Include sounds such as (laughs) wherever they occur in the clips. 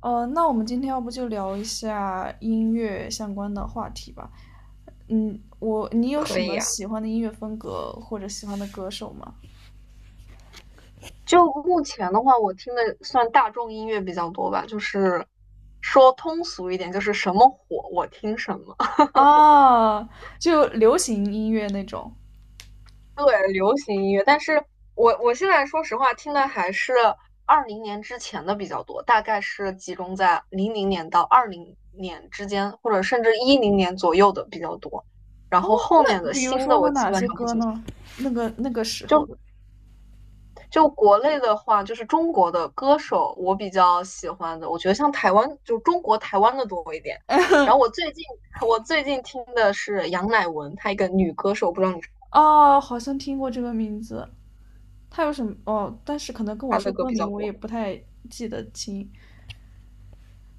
那我们今天要不就聊一下音乐相关的话题吧。嗯，你有可什以么呀。喜欢的音乐风格或者喜欢的歌手吗？就目前的话，我听的算大众音乐比较多吧，就是说通俗一点，就是什么火我听什么。(laughs) 啊，就流行音乐那种。对，流行音乐，但是我现在说实话，听的还是二零年之前的比较多，大概是集中在00年到二零年之间，或者甚至10年左右的比较多。然哦，后后面那的比如新说的呢，我基哪本些上不歌怎么，呢？那个时候就的。就国内的话，就是中国的歌手，我比较喜欢的，我觉得像台湾，就中国台湾的多一点。然后我 (laughs) 最近我最近听的是杨乃文，她一个女歌手，不知道你。哦，好像听过这个名字。他有什么？哦，但是可能跟我她的说歌歌比名，较我也多。不太记得清。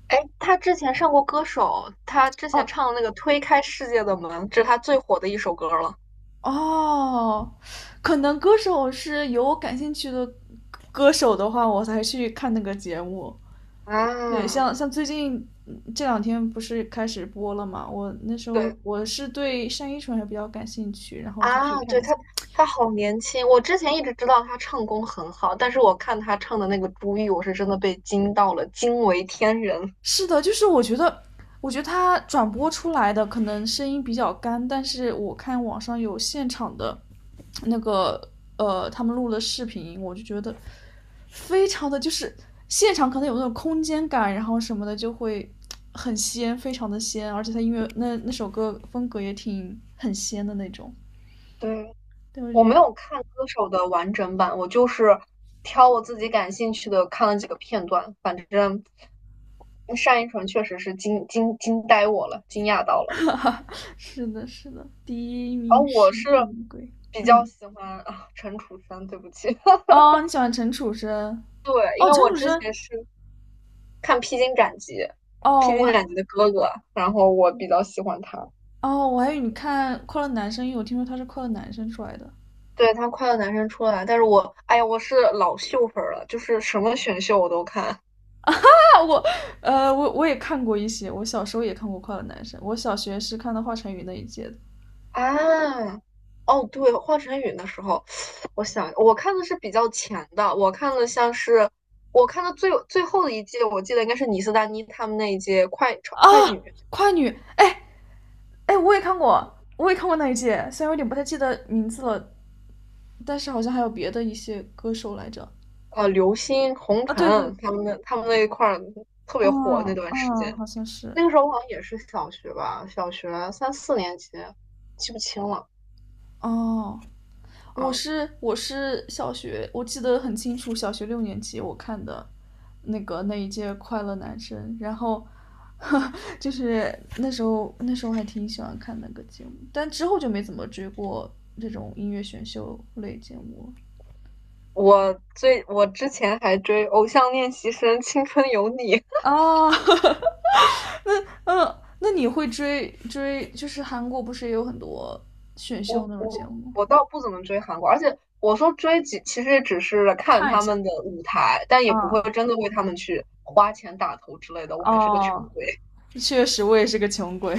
哎，她之前上过歌手，她之前哦，唱的那个《推开世界的门》，这是她最火的一首歌了。哦，可能歌手是有我感兴趣的歌手的话，我才去看那个节目。对，啊，像最近这两天不是开始播了嘛？我那时候对我是对单依纯还比较感兴趣，然后就去啊，看对，一她下。她好年轻，我之前一直知道她唱功很好，但是我看她唱的那个《朱玉》，我是真的被惊到了，惊为天人。是的，我觉得他转播出来的可能声音比较干，但是我看网上有现场的那个他们录的视频，我就觉得非常的就是现场可能有那种空间感，然后什么的就会很仙，非常的仙，而且他音乐那首歌风格也挺很仙的那种。对。对，我我觉没得 有看歌手的完整版，我就是挑我自己感兴趣的看了几个片段。反正单依纯确实是惊呆我了，惊讶到了。(laughs) 是的，是的，第一然后名我是是乌龟。比较嗯，喜欢啊陈楚生，对不起，哦，(laughs) 你喜欢陈楚生？对，因哦，为陈我楚之生，前是看《披荆斩棘》，哦，《披我荆还，斩棘》的哥哥，然后我比较喜欢他。哦，我还以为你看《快乐男生》，因为我听说他是快乐男生出来的。(laughs) 对他快乐男生出来，但是我，哎呀，我是老秀粉儿了，就是什么选秀我都看。啊，我，我也看过一些，我小时候也看过《快乐男生》，我小学是看到华晨宇那一届的。啊，哦，对，华晨宇的时候，我想我看的是比较前的，我看的像是我看的最后的一季，我记得应该是倪斯丹妮他们那一届快啊，快女，快女，哎哎，我也看过，我也看过那一届，虽然有点不太记得名字了，但是好像还有别的一些歌手来着。呃，刘星、红啊，尘对对，他们那一块儿特别火那嗯段时嗯，间，好像是。那个时候我好像也是小学吧，小学三四年级，记不清了哦，我啊。是我是小学，我记得很清楚，小学六年级我看的那一届《快乐男生》，然后 (laughs) 就是那时候还挺喜欢看那个节目，但之后就没怎么追过这种音乐选秀类节目我之前还追《偶像练习生》《青春有你》。了。哦，(laughs) 那那你会追追？就是韩国不是也有很多选秀我那种节我目吗？我倒不怎么追韩国，而且我说追几，其实只是看看一他下，们的舞台，但也啊不会嗯真的为他们去花钱打头之类的。我还是个穷哦，鬼，确实我也是个穷鬼。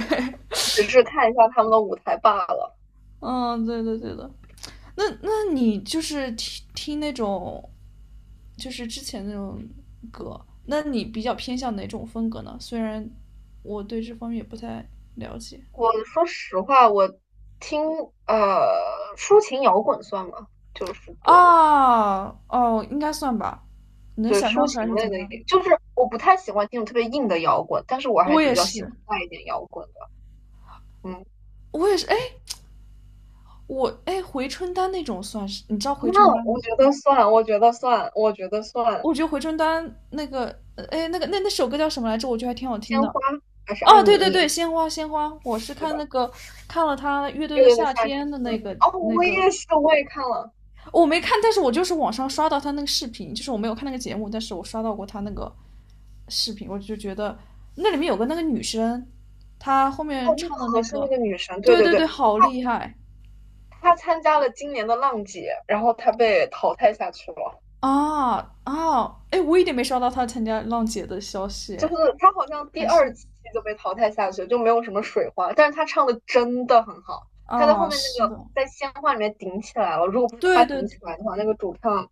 只是看一下他们的舞台罢了。(laughs) 嗯，对对对的。那你就是听听那种就是之前那种歌，那你比较偏向哪种风格呢？虽然我对这方面也不太了解。我说实话，我听抒情摇滚算吗？就是对，啊哦，应该算吧。你能对想象抒出来情是怎类么的样也，的？就是我不太喜欢听特别硬的摇滚，但是我还我也比较喜欢是，带一点摇滚的。嗯，我也是。哎，我哎，回春丹那种算是，你知道回那春丹吗？我觉得算，我觉得算，我觉得算，我觉得回春丹那个，哎，那那首歌叫什么来着？我觉得还挺好听鲜的。花还是艾哦，米对对丽。对，鲜花鲜花，我是对吧？看那个看了他乐队乐的队的夏夏天。天的哦，那我个，也是，我也看了。我没看，但是我就是网上刷到他那个视频，就是我没有看那个节目，但是我刷到过他那个视频，我就觉得那里面有个那个女生，她后面哦，那唱个的那和珅那个，个女神，对对对对对，对，好厉害。她参加了今年的浪姐，然后她被淘汰下去了。啊啊，哎，我一点没刷到他参加浪姐的消息，就哎是她好像第还二是期就被淘汰下去，就没有什么水花。但是她唱的真的很好，她在后啊，面那是个的，在鲜花里面顶起来了。如果不是她对对顶起来的话，那个主唱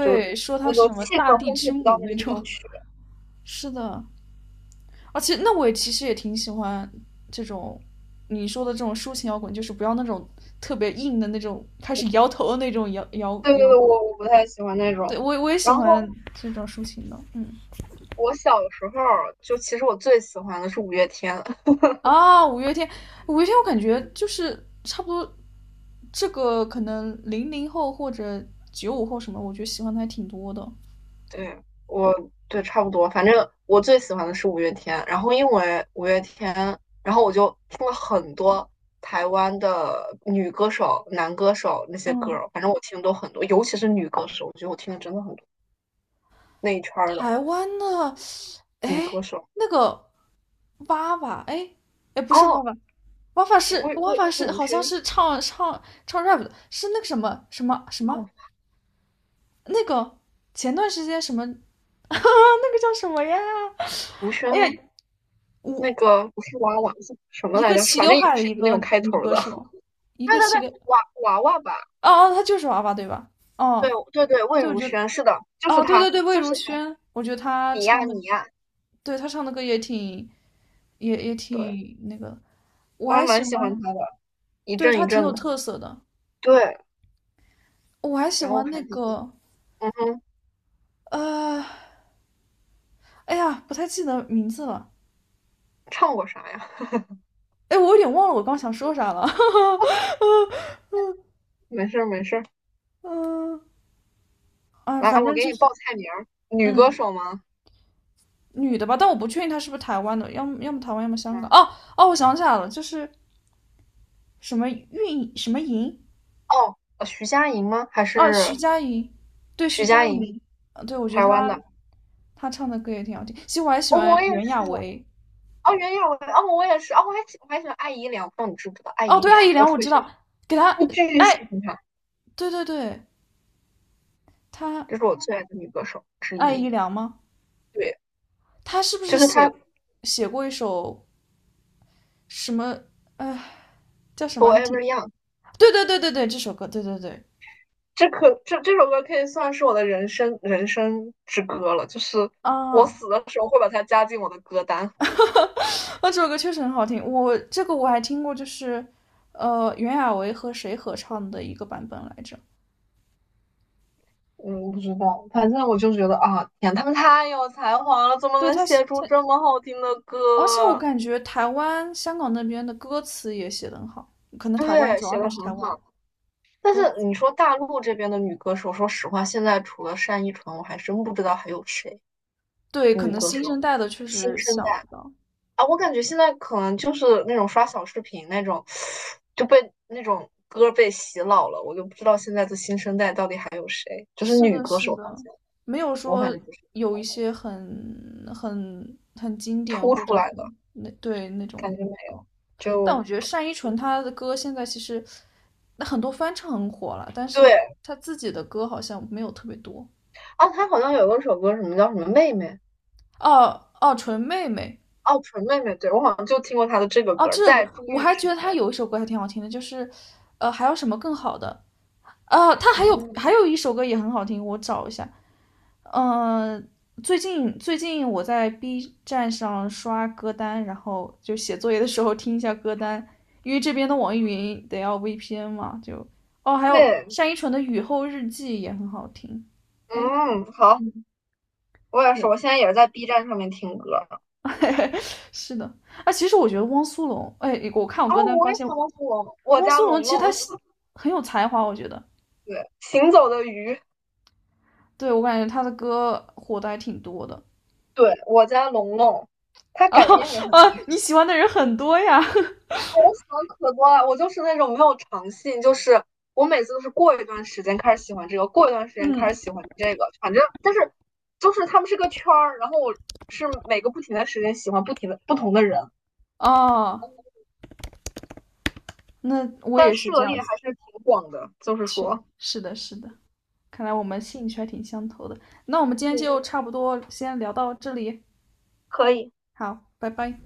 就说他那是个什么气大氛地烘托之不到母那个那地种，方去。(laughs) 是的，而且那我也其实也挺喜欢这种你说的这种抒情摇滚，就是不要那种特别硬的那种开始摇头的那种摇摇对对摇对，滚，我不太喜欢那种。对我也喜然后欢这种抒情的，嗯。我小时候就其实我最喜欢的是五月天。啊，五月天，五月天，我感觉就是差不多这个可能00后或者95后什么，我觉得喜欢的还挺多的。对，我对差不多，反正我最喜欢的是五月天，然后因为五月天，然后我就听了很多台湾的女歌手、男歌手那些歌嗯，儿，反正我听的都很多，尤其是女歌手，我觉得我听的真的很多，那一圈儿的台湾的，女歌哎，手。那个娃娃，哎，哎，不是娃哦，娃，娃娃是娃娃魏是如好像萱，是唱 rap 的，是那个什么什么什哦，么那个前段时间什么， (laughs)，那个叫什么呀？如萱哎吗？呀，我那个不是娃娃是什么一来个着？齐反刘正也海的是一一个那个种开女头儿歌的。手，(laughs) 一对个对齐对，刘，娃娃娃吧？哦哦，她就是娃娃对吧？对哦，对对，魏对，我如觉得萱，是的，就是哦，对对她，对，魏就如是她，萱，我觉得她你呀唱的，你呀。对她唱的歌也挺，也也对。挺那个，我我还还喜蛮欢，喜欢他的，一对阵她一挺阵有的。特色的，对，我还喜然后我欢还那是，个，嗯哼，呃，哎呀，不太记得名字了，唱过啥呀？(laughs) 哎，我有点忘了我刚想说啥了，没事没事。 (laughs) 嗯、啊，来，反我正给就你报是，菜名儿，女歌嗯，手吗？女的吧，但我不确定她是不是台湾的，要么台湾，要么香嗯，港，哦哦，我想起来了，就是什么运什么莹，哦，徐佳莹吗？还啊，徐是佳莹，对，徐徐佳佳莹，莹，啊对，我觉得台湾她。的？他唱的歌也挺好听。其实我还喜哦，欢我也袁娅是。维。哦，袁娅维，哦，我也是。哦，我还喜欢艾怡良，不知道你知不知道艾哦，怡对，艾良？姨我良特我别知喜欢，道，给他，我巨喜哎，欢她，对对对，他这是我最爱的女歌手之爱一。姨良吗？对，他是不就是是她写过一首什么？呃，叫什么？还《Forever 挺…… Young》。对对对对对，这首歌，对对对，这首歌可以算是我的人生之歌了，就是我啊，死的时候会把它加进我的歌单。那这首歌确实很好听。我这个我还听过，就是袁娅维和谁合唱的一个版本来着？嗯，不知道，反正我就觉得啊，天，他们太有才华了，怎么对，能他写写出他，这么好听的而且我歌？感觉台湾、香港那边的歌词也写得很好，可能台湾对，主要写的还是台很湾好。但歌是你词。说大陆这边的女歌手，说实话，现在除了单依纯，我还真不知道还有谁对，可女能歌新手生代的确新实生想代。不到。啊，我感觉现在可能就是那种刷小视频那种，就被那种歌被洗脑了。我就不知道现在的新生代到底还有谁，就是是女的，歌是手方的，面，没有我反说正不是不知有一道些很经典突或出者来的很那对那种感觉没歌，有。但我就觉得单依纯她的歌现在其实那很多翻唱很火了，但是对她自己的歌好像没有特别多。啊，她好像有一首歌，什么叫什么妹妹哦哦，纯妹妹哦，纯妹妹，对我好像就听过她的这个哦，歌，这首歌在入我玉还之觉得她前有一首歌还挺好听的，就是还有什么更好的？她还啊，有还有一首歌也很好听，我找一下。嗯，最近我在 B 站上刷歌单，然后就写作业的时候听一下歌单，因为这边的网易云得要 VPN 嘛，就哦，还有对，单依纯的《雨后日记》也很好听。哎，嗯，好，嗯，我也是，对，我现在也是在 B 站上面听歌。(laughs) 是的。啊，其实我觉得汪苏泷，哎，我看我歌哦，单我发也现想到是我我汪家苏泷龙其实他龙，写很有才华，我觉得，对，行走的鱼。对，我感觉他的歌火的还挺多的。对，我家龙龙，(laughs) 他然改后编也很啊，厉你喜欢的人很多呀，害。我喜欢可多了，我就是那种没有长性，就是我每次都是过一段时间开始喜欢这个，过一段时 (laughs) 间嗯，开始喜欢这个，反正但是就是他们是个圈儿，然后我是每个不停的时间喜欢不停的不同的人，哦。那我但也是这涉样猎子还是挺广的，就是去，说。是的，是的，看来我们兴趣还挺相投的。那我们今天就差不多先聊到这里，好，拜拜。